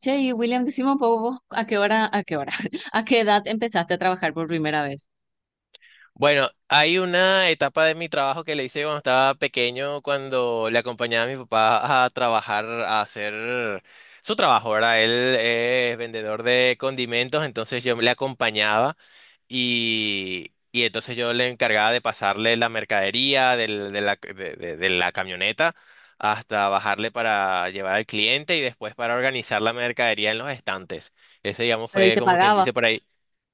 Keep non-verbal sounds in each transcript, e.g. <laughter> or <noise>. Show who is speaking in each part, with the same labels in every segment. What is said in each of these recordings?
Speaker 1: Che, y William, decime un poco vos, <laughs> a qué edad empezaste a trabajar por primera vez.
Speaker 2: Bueno, hay una etapa de mi trabajo que le hice cuando estaba pequeño, cuando le acompañaba a mi papá a trabajar, a hacer su trabajo, ¿verdad? Él es vendedor de condimentos, entonces yo le acompañaba y entonces yo le encargaba de pasarle la mercadería de la camioneta hasta bajarle para llevar al cliente y después para organizar la mercadería en los estantes. Ese, digamos,
Speaker 1: Pero ¿y
Speaker 2: fue como quien dice por ahí,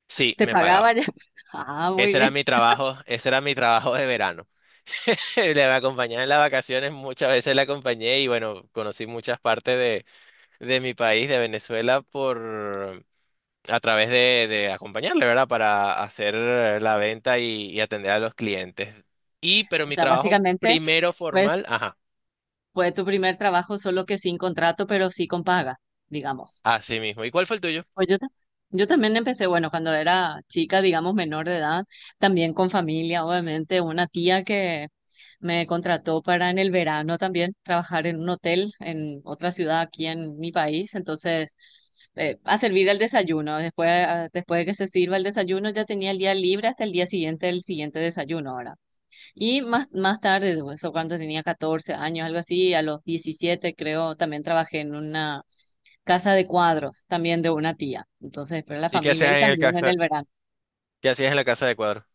Speaker 2: sí,
Speaker 1: te
Speaker 2: me
Speaker 1: pagaba
Speaker 2: pagaba.
Speaker 1: ya? <laughs> Ah, muy
Speaker 2: Ese era
Speaker 1: bien.
Speaker 2: mi trabajo, ese era mi trabajo de verano. <laughs> Le acompañaba en las vacaciones, muchas veces la acompañé y bueno, conocí muchas partes de mi país, de Venezuela, por a través de acompañarle, ¿verdad? Para hacer la venta y atender a los clientes. Y, pero
Speaker 1: O
Speaker 2: mi
Speaker 1: sea,
Speaker 2: trabajo
Speaker 1: básicamente,
Speaker 2: primero
Speaker 1: pues,
Speaker 2: formal, ajá,
Speaker 1: fue tu primer trabajo, solo que sin contrato, pero sí con paga, digamos.
Speaker 2: así mismo. ¿Y cuál fue el tuyo?
Speaker 1: Pues yo, yo también empecé, bueno, cuando era chica, digamos, menor de edad, también con familia, obviamente, una tía que me contrató para en el verano también trabajar en un hotel en otra ciudad aquí en mi país. Entonces, a servir el desayuno, después, ah, después de que se sirva el desayuno, ya tenía el día libre hasta el día siguiente, el siguiente desayuno ahora. Y más tarde, eso cuando tenía 14 años, algo así, a los 17 creo, también trabajé en una casa de cuadros, también de una tía. Entonces, pero la
Speaker 2: ¿Y qué
Speaker 1: familia
Speaker 2: hacías
Speaker 1: y también en el verano.
Speaker 2: qué hacías en la casa de cuadro?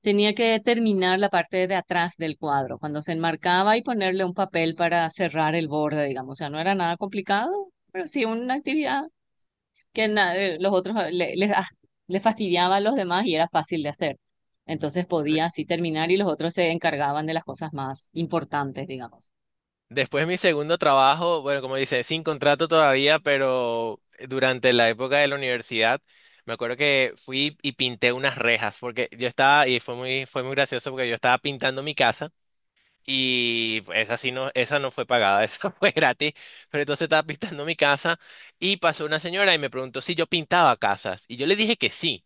Speaker 1: Tenía que terminar la parte de atrás del cuadro, cuando se enmarcaba y ponerle un papel para cerrar el borde, digamos. O sea, no era nada complicado, pero sí una actividad que los otros les fastidiaba a los demás y era fácil de hacer. Entonces podía así terminar y los otros se encargaban de las cosas más importantes, digamos.
Speaker 2: Después mi segundo trabajo, bueno, como dice, sin contrato todavía, pero durante la época de la universidad, me acuerdo que fui y pinté unas rejas, porque yo estaba, y fue muy gracioso porque yo estaba pintando mi casa. Y esa no fue pagada, <laughs> esa fue gratis. Pero entonces estaba pintando mi casa y pasó una señora y me preguntó si yo pintaba casas. Y yo le dije que sí.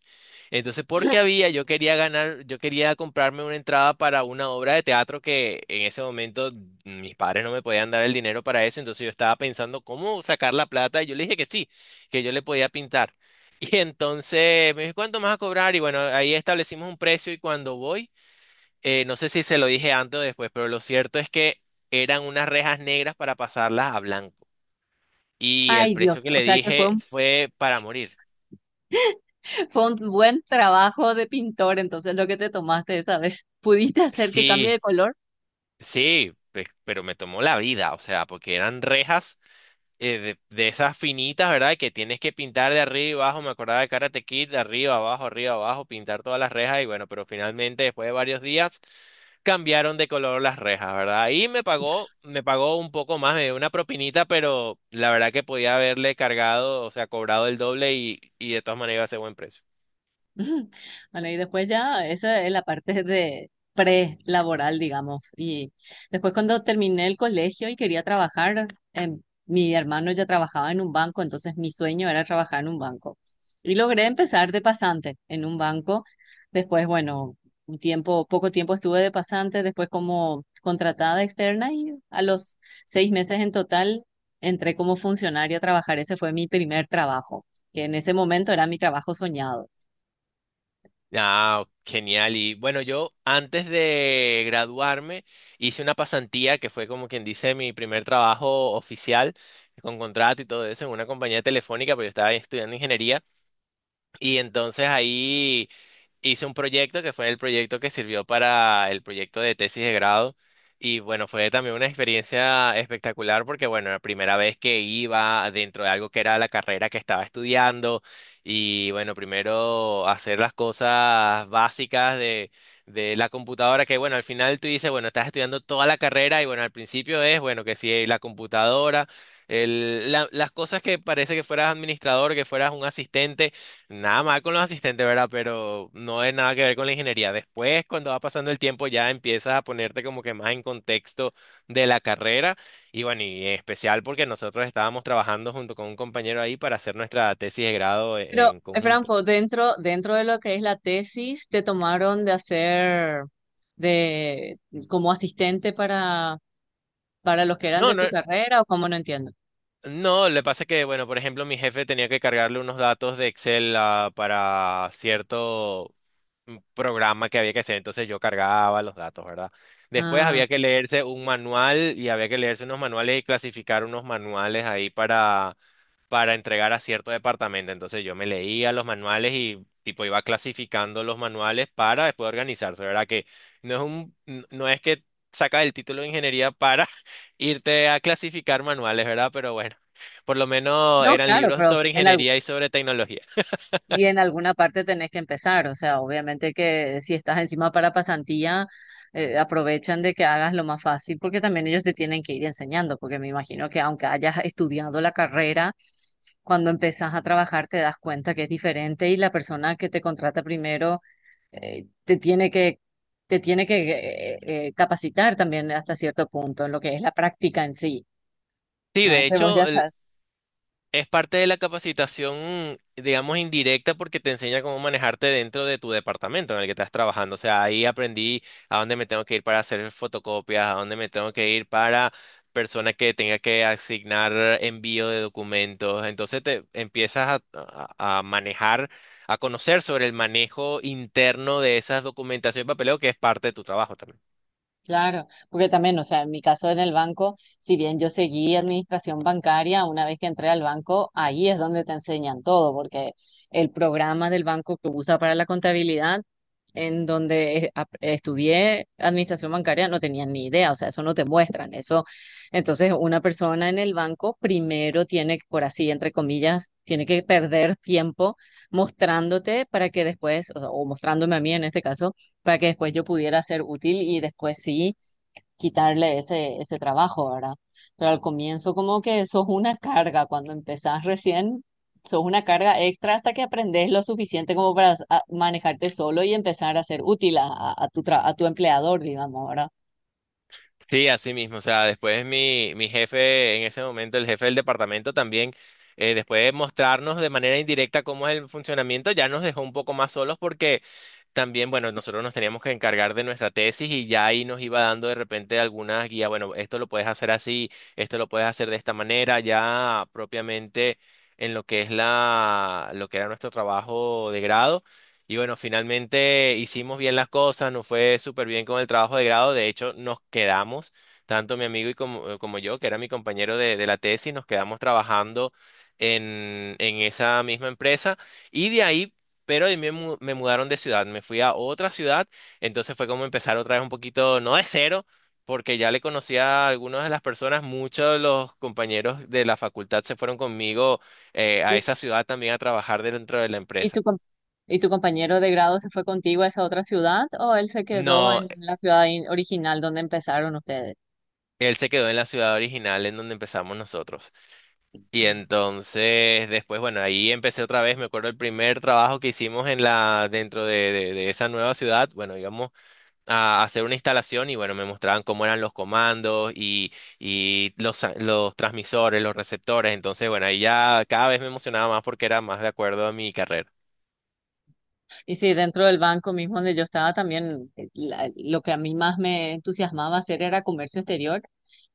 Speaker 2: Entonces, porque había, yo quería comprarme una entrada para una obra de teatro que en ese momento mis padres no me podían dar el dinero para eso. Entonces yo estaba pensando cómo sacar la plata y yo le dije que sí, que yo le podía pintar. <laughs> Y entonces me dijo, ¿cuánto me vas a cobrar? Y bueno, ahí establecimos un precio y cuando voy... no sé si se lo dije antes o después, pero lo cierto es que eran unas rejas negras para pasarlas a blanco. Y el
Speaker 1: Ay,
Speaker 2: precio
Speaker 1: Dios,
Speaker 2: que
Speaker 1: o
Speaker 2: le
Speaker 1: sea que fue
Speaker 2: dije
Speaker 1: un
Speaker 2: fue para morir.
Speaker 1: <laughs> fue un buen trabajo de pintor, entonces lo que te tomaste esa vez. <laughs> ¿Pudiste hacer que cambie
Speaker 2: Sí,
Speaker 1: de color?
Speaker 2: sí, pero me tomó la vida, o sea, porque eran rejas de esas finitas, ¿verdad? Que tienes que pintar de arriba y abajo. Me acordaba de Karate Kid, de arriba, abajo, pintar todas las rejas. Y bueno, pero finalmente, después de varios días cambiaron de color las rejas, ¿verdad? Y me pagó un poco más, me dio una propinita, pero la verdad que podía haberle cargado, o sea, cobrado el doble y de todas maneras iba a ser buen precio.
Speaker 1: <laughs> Ujú. Bueno, y después ya, esa es la parte de pre-laboral, digamos. Y después cuando terminé el colegio y quería trabajar, em, mi hermano ya trabajaba en un banco, entonces mi sueño era trabajar en un banco. Y logré empezar de pasante en un banco. Después, bueno, un tiempo, poco tiempo estuve de pasante, después como contratada externa y a los 6 meses en total entré como funcionaria a trabajar. Ese fue mi primer trabajo, que en ese momento era mi trabajo soñado.
Speaker 2: Ah, genial. Y bueno, yo antes de graduarme hice una pasantía que fue como quien dice mi primer trabajo oficial con contrato y todo eso en una compañía telefónica, pero yo estaba estudiando ingeniería y entonces ahí hice un proyecto que fue el proyecto que sirvió para el proyecto de tesis de grado. Y bueno, fue también una experiencia espectacular porque, bueno, la primera vez que iba dentro de algo que era la carrera que estaba estudiando y, bueno, primero hacer las cosas básicas de la computadora que, bueno, al final tú dices, bueno, estás estudiando toda la carrera y, bueno, al principio es, bueno, que si la computadora, las cosas que parece que fueras administrador, que fueras un asistente. Nada mal con los asistentes, ¿verdad? Pero no es nada que ver con la ingeniería. Después, cuando va pasando el tiempo, ya empiezas a ponerte como que más en contexto de la carrera. Y bueno, y en especial porque nosotros estábamos trabajando junto con un compañero ahí para hacer nuestra tesis de grado
Speaker 1: Pero,
Speaker 2: en conjunto.
Speaker 1: Franco, dentro de lo que es la tesis, te tomaron de hacer de como asistente para los que eran
Speaker 2: No,
Speaker 1: de tu
Speaker 2: no,
Speaker 1: carrera, o cómo, no entiendo.
Speaker 2: no, le pasa que, bueno, por ejemplo, mi jefe tenía que cargarle unos datos de Excel para cierto un programa que había que hacer, entonces yo cargaba los datos, ¿verdad? Después
Speaker 1: Ah,
Speaker 2: había que leerse un manual y había que leerse unos manuales y clasificar unos manuales ahí para entregar a cierto departamento. Entonces yo me leía los manuales y tipo iba clasificando los manuales para después organizarse, ¿verdad? Que no es que sacas el título de ingeniería para <laughs> irte a clasificar manuales, ¿verdad? Pero bueno, por lo menos
Speaker 1: no,
Speaker 2: eran
Speaker 1: claro,
Speaker 2: libros
Speaker 1: pero
Speaker 2: sobre ingeniería y sobre tecnología.
Speaker 1: y en alguna parte tenés que empezar. O sea, obviamente que si estás encima para pasantía, aprovechan de que hagas lo más fácil, porque también ellos te tienen que ir enseñando, porque me imagino que aunque hayas estudiado la carrera, cuando empezás a trabajar te das cuenta que es diferente y la persona que te contrata primero eh, te tiene que, te tiene que capacitar también hasta cierto punto en lo que es la práctica en sí.
Speaker 2: Sí,
Speaker 1: No es
Speaker 2: de
Speaker 1: que vos
Speaker 2: hecho,
Speaker 1: ya sabes.
Speaker 2: es parte de la capacitación, digamos, indirecta porque te enseña cómo manejarte dentro de tu departamento en el que estás trabajando. O sea, ahí aprendí a dónde me tengo que ir para hacer fotocopias, a dónde me tengo que ir para persona que tenga que asignar envío de documentos. Entonces te empiezas a manejar, a conocer sobre el manejo interno de esas documentaciones y papeleo que es parte de tu trabajo también.
Speaker 1: Claro, porque también, o sea, en mi caso en el banco, si bien yo seguí administración bancaria, una vez que entré al banco, ahí es donde te enseñan todo, porque el programa del banco que usa para la contabilidad, en donde estudié administración bancaria, no tenía ni idea, o sea, eso no te muestran, eso. Entonces, una persona en el banco primero tiene que, por así, entre comillas, tiene que perder tiempo mostrándote para que después, o sea, o mostrándome a mí en este caso para que después yo pudiera ser útil y después sí quitarle ese trabajo, ¿verdad? Pero al comienzo como que sos una carga, cuando empezás recién, sos una carga extra hasta que aprendes lo suficiente como para manejarte solo y empezar a ser útil a, a tu empleador, digamos, ¿verdad?
Speaker 2: Sí, así mismo. O sea, después mi jefe, en ese momento, el jefe del departamento también, después de mostrarnos de manera indirecta cómo es el funcionamiento, ya nos dejó un poco más solos porque también, bueno, nosotros nos teníamos que encargar de nuestra tesis y ya ahí nos iba dando de repente algunas guías, bueno, esto lo puedes hacer así, esto lo puedes hacer de esta manera, ya propiamente en lo que es lo que era nuestro trabajo de grado. Y bueno, finalmente hicimos bien las cosas, nos fue súper bien con el trabajo de grado, de hecho nos quedamos, tanto mi amigo y como, como yo, que era mi compañero de la tesis, nos quedamos trabajando en esa misma empresa. Y de ahí, pero ahí me mudaron de ciudad, me fui a otra ciudad, entonces fue como empezar otra vez un poquito, no de cero, porque ya le conocía a algunas de las personas, muchos de los compañeros de la facultad se fueron conmigo a
Speaker 1: Mm.
Speaker 2: esa ciudad también a trabajar dentro de la
Speaker 1: ¿Y
Speaker 2: empresa.
Speaker 1: y tu compañero de grado se fue contigo a esa otra ciudad o él se quedó
Speaker 2: No,
Speaker 1: en la ciudad original donde empezaron ustedes?
Speaker 2: él se quedó en la ciudad original en donde empezamos nosotros. Y entonces después, bueno, ahí empecé otra vez, me acuerdo el primer trabajo que hicimos en la, dentro de, de esa nueva ciudad, bueno, íbamos a hacer una instalación y bueno, me mostraban cómo eran los comandos y los, los transmisores, los receptores. Entonces, bueno, ahí ya cada vez me emocionaba más porque era más de acuerdo a mi carrera.
Speaker 1: Y sí, dentro del banco mismo donde yo estaba también, lo que a mí más me entusiasmaba hacer era comercio exterior,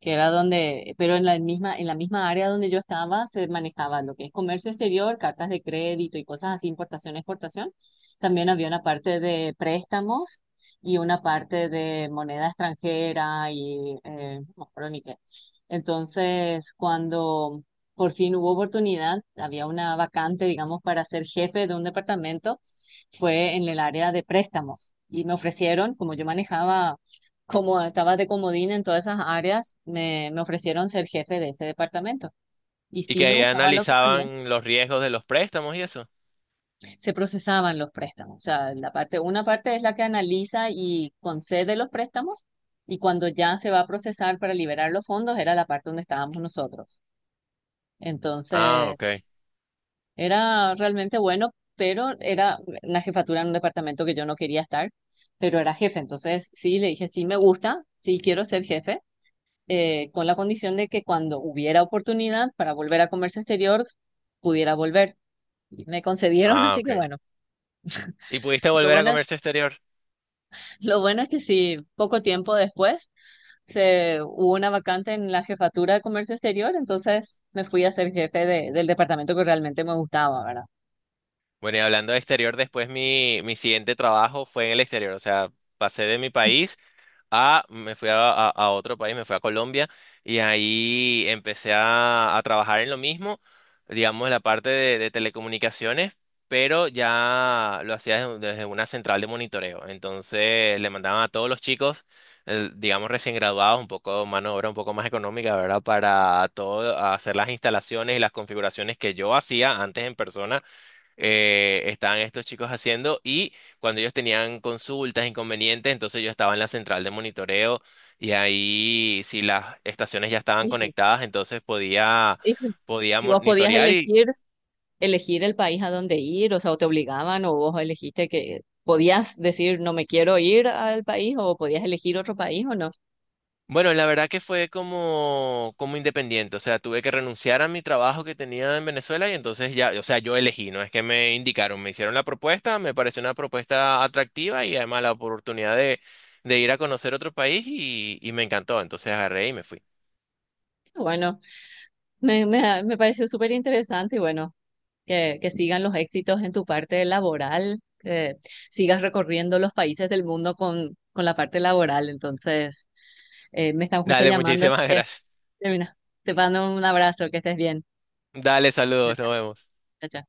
Speaker 1: que era donde, pero en la misma área donde yo estaba se manejaba lo que es comercio exterior, cartas de crédito y cosas así, importación, exportación. También había una parte de préstamos y una parte de moneda extranjera y no me acuerdo ni qué. Entonces, cuando por fin hubo oportunidad, había una vacante, digamos, para ser jefe de un departamento, fue en el área de préstamos y me ofrecieron, como yo manejaba, como estaba de comodín en todas esas áreas, me ofrecieron ser jefe de ese departamento. Y
Speaker 2: Y
Speaker 1: sí
Speaker 2: que
Speaker 1: me
Speaker 2: ahí
Speaker 1: gustaba la oportunidad.
Speaker 2: analizaban los riesgos de los préstamos y eso.
Speaker 1: Se procesaban los préstamos. O sea, la parte, una parte es la que analiza y concede los préstamos y cuando ya se va a procesar para liberar los fondos era la parte donde estábamos nosotros.
Speaker 2: Ah,
Speaker 1: Entonces,
Speaker 2: ok.
Speaker 1: era realmente bueno, pero era una jefatura en un departamento que yo no quería estar, pero era jefe. Entonces, sí, le dije, sí, me gusta, sí, quiero ser jefe, con la condición de que cuando hubiera oportunidad para volver a comercio exterior, pudiera volver. Y me concedieron, <laughs>
Speaker 2: Ah,
Speaker 1: así que
Speaker 2: ok.
Speaker 1: bueno,
Speaker 2: ¿Y pudiste
Speaker 1: lo
Speaker 2: volver a
Speaker 1: bueno,
Speaker 2: comercio exterior?
Speaker 1: lo bueno es que sí, poco tiempo después hubo una vacante en la jefatura de comercio exterior, entonces me fui a ser jefe del departamento que realmente me gustaba, ¿verdad?
Speaker 2: Bueno, y hablando de exterior, después mi siguiente trabajo fue en el exterior. O sea, pasé de mi país. A, me fui a, a otro país, me fui a Colombia y ahí empecé a trabajar en lo mismo, digamos, la parte de telecomunicaciones, pero ya lo hacía desde una central de monitoreo. Entonces le mandaban a todos los chicos, digamos, recién graduados, un poco mano de obra, un poco más económica, ¿verdad? Para todo, hacer las instalaciones y las configuraciones que yo hacía antes en persona, estaban estos chicos haciendo y cuando ellos tenían consultas, inconvenientes, entonces yo estaba en la central de monitoreo y ahí si las estaciones ya estaban
Speaker 1: Híjole,
Speaker 2: conectadas, entonces podía,
Speaker 1: <laughs> híjole.
Speaker 2: podía
Speaker 1: ¿Y vos podías
Speaker 2: monitorear y
Speaker 1: elegir, elegir el país a donde ir? O sea, ¿o te obligaban o vos elegiste, que podías decir no me quiero ir al país, o podías elegir otro país o no?
Speaker 2: bueno, la verdad que fue como, como independiente, o sea, tuve que renunciar a mi trabajo que tenía en Venezuela y entonces ya, o sea, yo elegí, no es que me indicaron, me hicieron la propuesta, me pareció una propuesta atractiva y además la oportunidad de ir a conocer otro país y me encantó, entonces agarré y me fui.
Speaker 1: Bueno, me pareció súper interesante y bueno, que sigan los éxitos en tu parte laboral, que sigas recorriendo los países del mundo con la parte laboral. Entonces, me están justo
Speaker 2: Dale,
Speaker 1: llamando, así
Speaker 2: muchísimas <laughs>
Speaker 1: que
Speaker 2: gracias.
Speaker 1: termina. Te mando un abrazo, que estés bien.
Speaker 2: Dale,
Speaker 1: Chao,
Speaker 2: saludos,
Speaker 1: chao.
Speaker 2: nos vemos.
Speaker 1: Chao, chao.